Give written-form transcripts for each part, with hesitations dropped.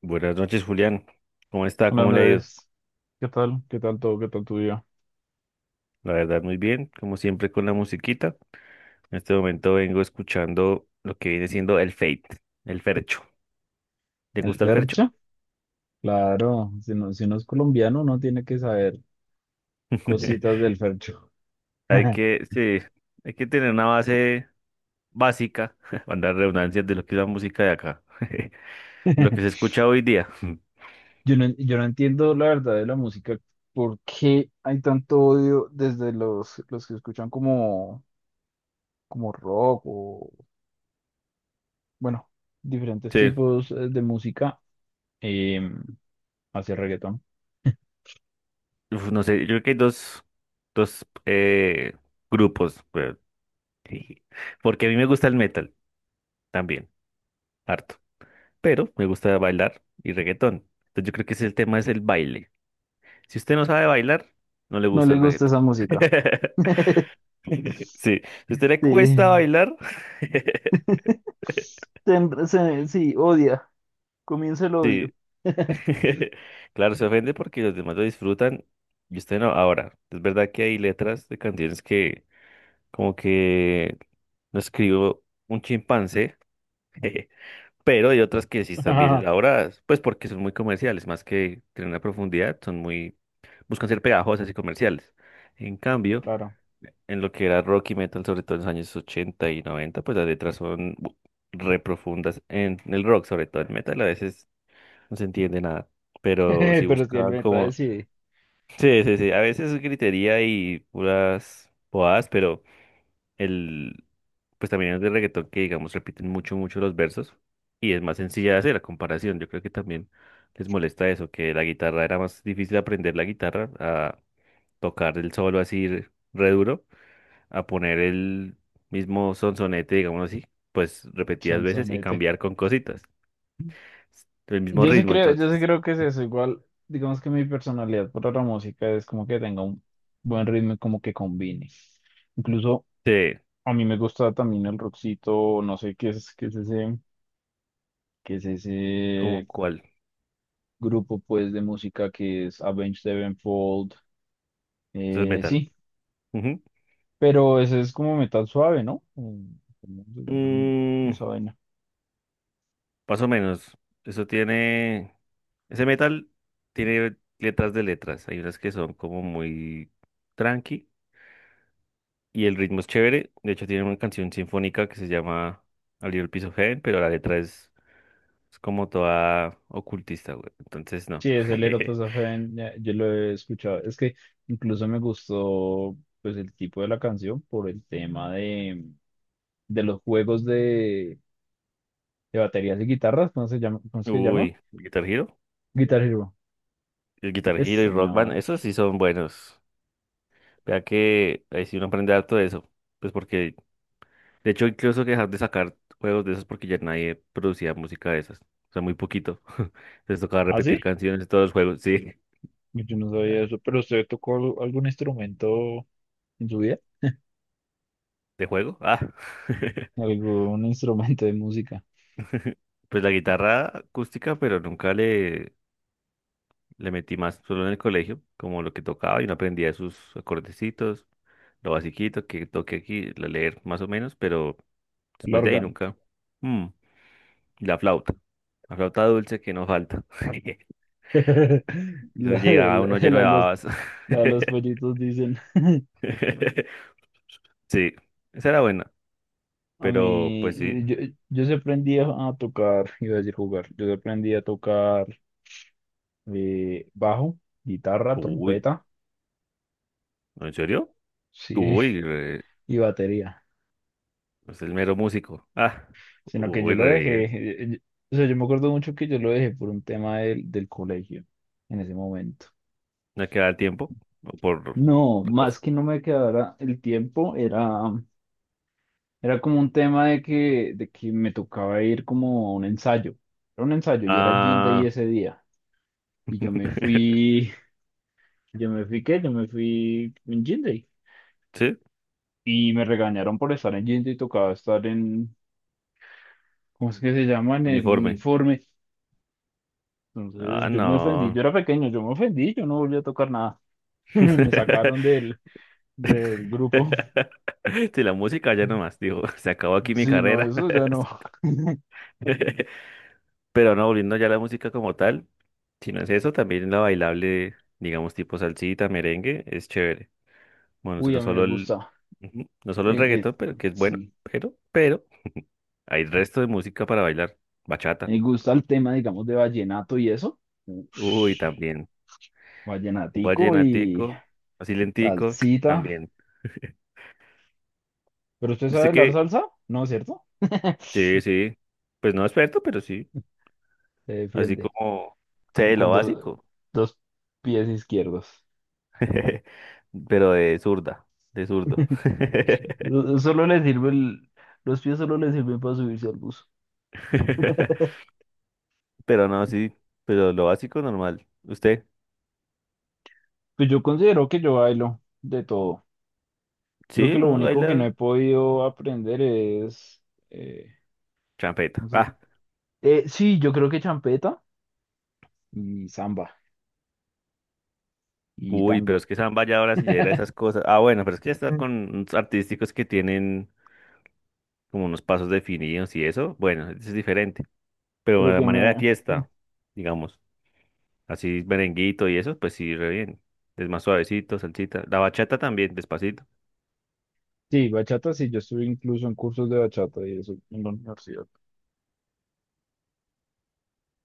Buenas noches, Julián. ¿Cómo está? Hola ¿Cómo le ha ido? Andrés, ¿qué tal? ¿Qué tal todo? ¿Qué tal tu día? La verdad, muy bien, como siempre con la musiquita. En este momento vengo escuchando lo que viene siendo el Fate, el Fercho. ¿Te ¿El gusta el Fercho? Fercho? Claro, si no, si uno es colombiano, uno tiene que saber cositas del Fercho. Hay que, sí, hay que tener una base básica, para dar redundancias de lo que es la música de acá, lo que se escucha hoy día. Yo no entiendo la verdad de la música, por qué hay tanto odio desde los que escuchan como, como rock o, bueno, diferentes Sí, tipos de música eh, hacia reggaetón. uf, no sé, yo creo que hay dos grupos, pero- porque a mí me gusta el metal también, harto. Pero me gusta bailar y reggaetón. Entonces yo creo que ese es el tema, es el baile. Si usted no sabe bailar, no le No gusta le el gusta reggaetón. esa música. Sí, si a usted le cuesta Sí. bailar, Sí, odia. Comienza el sí. odio. Claro, se ofende porque los demás lo disfrutan y usted no. Ahora, es verdad que hay letras de canciones que como que no escribo un chimpancé, pero hay otras que sí están bien Ajá. elaboradas, pues porque son muy comerciales, más que tienen una profundidad, son muy, buscan ser pegajosas y comerciales. En cambio, Claro. en lo que era rock y metal, sobre todo en los años 80 y 90, pues las letras son re profundas en el rock, sobre todo en metal, a veces no se entiende nada. Pero si Pero si el buscaban meta como... decide, Sí, sí, sí, a veces es gritería y puras bobadas, pero el... Pues también es de reggaetón que, digamos, repiten mucho, mucho los versos y es más sencilla de hacer la comparación. Yo creo que también les molesta eso, que la guitarra, era más difícil aprender la guitarra, tocar el solo así re duro, a poner el mismo sonsonete, digamos así, pues repetidas son veces y sonete. cambiar con cositas. El mismo Yo sí ritmo, creo, yo sí entonces, creo que es eso. Igual, digamos que mi personalidad para la música es como que tenga un buen ritmo y como que combine. Incluso sí, a mí me gusta también el rockcito, no sé qué es, qué es ese, qué es como ese cuál, grupo pues de música que es Avenged Sevenfold. eso es metal. Sí, Ujú. pero ese es como metal suave, ¿no? ¿Cómo se llama Mm, esa vaina? más o menos, eso tiene, ese metal tiene letras de letras, hay unas que son como muy tranqui y el ritmo es chévere, de hecho tiene una canción sinfónica que se llama A Little Piece of Heaven, pero la letra es como toda ocultista, güey. Entonces, no. Sí, es el Erotosafen, yo lo he escuchado. Es que incluso me gustó pues el tipo de la canción por el tema de los juegos de baterías y guitarras, ¿cómo se llama? ¿Cómo es que se llama? Uy, Guitar Hero. Guitar Hero. El Guitar Es Hero y Rock Band, señor. esos sí son buenos. Vea que ahí sí uno aprende harto de eso. Pues porque, de hecho, incluso que dejar de sacar juegos de esos porque ya nadie producía música de esas. O sea, muy poquito. Les tocaba ¿Ah, repetir sí? canciones de todos los juegos. Sí, Yo no sabía eso, pero ¿usted tocó algún instrumento en su vida? ¿de juego? Ah. ¿Algún instrumento de música? Pues la guitarra acústica, pero nunca le metí más solo en el colegio, como lo que tocaba, y no aprendía sus acordecitos, lo basiquito que toque aquí, la leer más o menos, pero El después de ahí órgano. nunca. Mm, y la flauta dulce que no falta. Eso La, de- llegaba uno la, lleno la de de los, babas. la de los pollitos dicen. Sí, esa era buena, A pero pues sí. mí, yo, yo sí aprendí a a tocar, iba a decir jugar, yo sí aprendí a tocar bajo, guitarra, Uy, trompeta, ¿no?, ¿en serio? sí, Uy, y batería, es el mero músico. Ah, sino que yo uy, lo re dejé, bien. O sea, yo me acuerdo mucho que yo lo dejé por un tema del colegio en ese momento. No queda el tiempo por No, otra más cosa. que no me quedara el tiempo, era, era como un tema de que me tocaba ir como a un ensayo, era un ensayo y era Jean Day Ah. ese día, y yo me fui. Yo me fui, ¿qué? Yo me fui en Jean. ¿Sí? Y me regañaron por estar en Jean y tocaba estar en, ¿cómo es que se llama? En el Uniforme. uniforme. Entonces Ah, yo me ofendí, yo no. era pequeño, yo me ofendí, yo no volví a tocar nada. Me sacaron del grupo. Si la música ya nomás, digo, se acabó aquí mi Sí, no, carrera. eso ya no. Pero no, volviendo ya a la música como tal, si no es eso, también la bailable, digamos, tipo salsita, merengue, es chévere. Bueno, Uy, a mí me gusta. ujú, no solo el El, el- reggaetón, pero que es bueno, sí, pero, hay resto de música para bailar. Bachata. me gusta el tema, digamos, de vallenato y eso. Uy, Ush, también. Un vallenatico y vallenatico, así lentico, salsita. también. ¿Pero usted sabe ¿Usted bailar qué? salsa? No, ¿cierto? Sí, sí. Pues no experto, pero sí. Se Así defiende. como sé Como lo con dos, básico. dos pies izquierdos. Pero de zurda, de zurdo. Solo le sirve los pies solo le sirven para subirse al bus. Pero no, sí. Pero lo básico normal. ¿Usted? Pues yo considero que yo bailo de todo. Creo Sí, que lo uno único que baila no he podido aprender es, eh, champeta. no sé. Ah, Sí, yo creo que champeta y samba y uy, pero es tango. que samba ya ahora sí ya era esas cosas. Ah, bueno, pero es que ya está Mm. con unos artísticos que tienen como unos pasos definidos y eso. Bueno, eso es diferente. Pero Pero la que manera de me... fiesta, digamos. Así merenguito y eso, pues sí, re bien. Es más suavecito, salsita. La bachata también, despacito. Sí, bachata, sí, yo estuve incluso en cursos de bachata y eso en la universidad.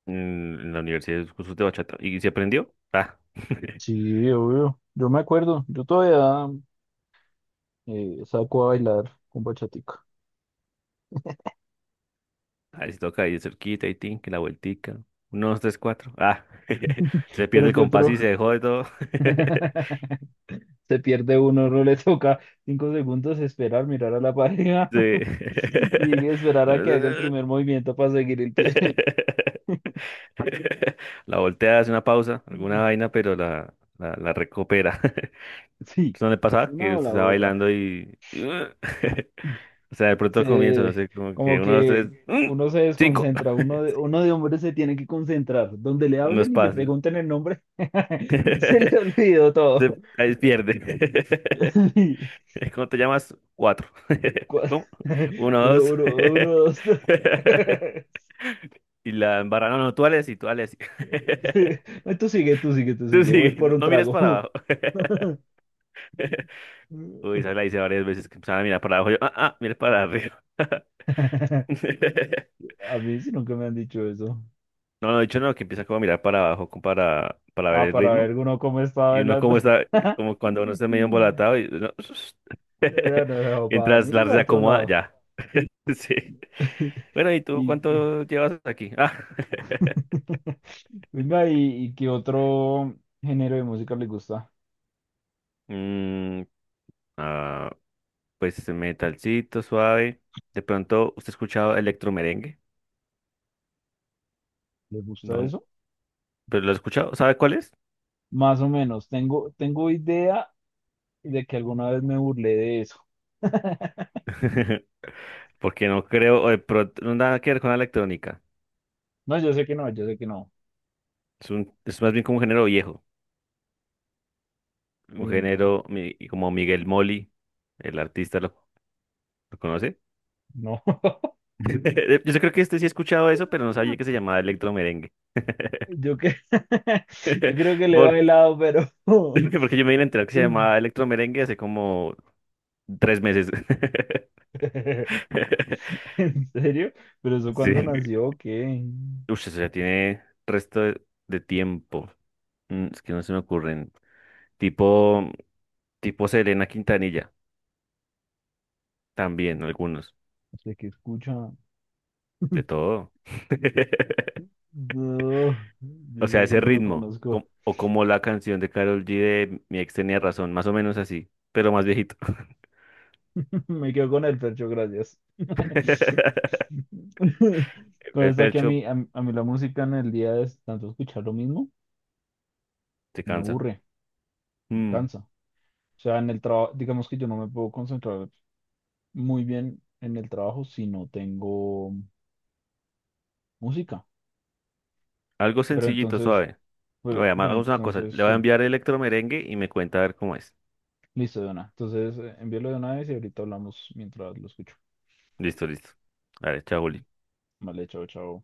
En en la universidad es cursos de bachata. ¿Y se aprendió? Ah. Sí, obvio. Yo me acuerdo, yo todavía saco a bailar con bachatica. Ahí se toca ahí de cerquita y tin, que la vueltica. Uno, dos, tres, cuatro. Ah. Se pierde Pero el que compás y otro se dejó de todo. se pierde uno, no le toca 5 segundos esperar, mirar a la pareja Sí. y esperar a que haga el primer movimiento para seguir el pie. La voltea, hace una pausa, alguna vaina, pero la recupera. Sí, ¿Eso no le pasaba? una Que o usted la estaba otra. bailando y... O sea, de pronto al comienzo, no Se, sé, como como que uno, dos, tres, que ¡mm! uno se Cinco, desconcentra, uno de hombres se tiene que concentrar. Donde le unos hablen y le pasos. pregunten el nombre, se le olvidó todo. Ahí pierde. Sí. ¿Cómo te llamas? Cuatro. Cua- ¿Cómo? Uno, Uno, dos. uno, uno, dos, tres. Y la embarra, no, no, tú dale así, tú dale así. No, tú sigue, tú sigue, tú Tú sigue. Voy sigue, por no, un no mires para trago. abajo. Uy, esa la hice varias veces que empezaba a mirar para abajo. Yo, ah, ah, mires para arriba. A mí sí nunca me han dicho eso. No, no, de hecho no, que empieza como a mirar para abajo como para, ver Ah, el para ritmo. ver uno cómo está Y uno bailando. como está, como cuando uno está medio embolatado y uno- no, no, no, mientras mira la para otro reacomoda, lado. ya. Sí. Bueno, ¿y tú Y, cuánto llevas aquí? Ah. venga, y qué otro género de música le gusta? Mm, ah, pues metalcito, suave. De pronto, ¿usted ha escuchado electromerengue? ¿Le gusta No, eso? pero lo he escuchado, ¿sabe cuál es? Más o menos. Tengo idea de que alguna vez me burlé de eso. Porque no creo, o de pronto, no, nada que ver con la electrónica. No, yo sé que no. Es más bien como un género viejo. Un Uy, no, género como Miguel Molly, el artista, ¿lo conoce? no. Yo creo que este sí he escuchado eso, pero no sabía que se llamaba electromerengue. Yo, que... yo creo que le va Por- helado pero... Porque yo me vine a enterar que se llamaba electromerengue hace como 3 meses. ¿En serio? ¿Pero eso Sí. cuándo Uy, nació? O ¿qué? eso ya tiene resto de tiempo. Mm, es que no se me ocurren. Tipo, tipo Selena Quintanilla, también algunos. De sea, ¿qué escucha? No, De todo. yo O sea, eso sí ese no lo ritmo. Conozco. O como la canción de Karol G de Mi ex tenía razón, más o menos así, pero más viejito. Me quedo con el percho, gracias. Pero es que a Fercho. mí, a, mí a mí la música en el día es tanto escuchar lo mismo, Te me cansa. aburre, me Mm, cansa. O sea, en el trabajo, digamos que yo no me puedo concentrar muy bien en el trabajo si no tengo música. algo Pero sencillito, entonces suave. Pero, Oye, pero hagamos una cosa. entonces Le voy a sí, enviar electro merengue y me cuenta a ver cómo es. listo de una. Entonces envíalo de una vez y ahorita hablamos mientras lo escucho. Listo, listo. Vale, chao, Juli. Vale, chao, chao.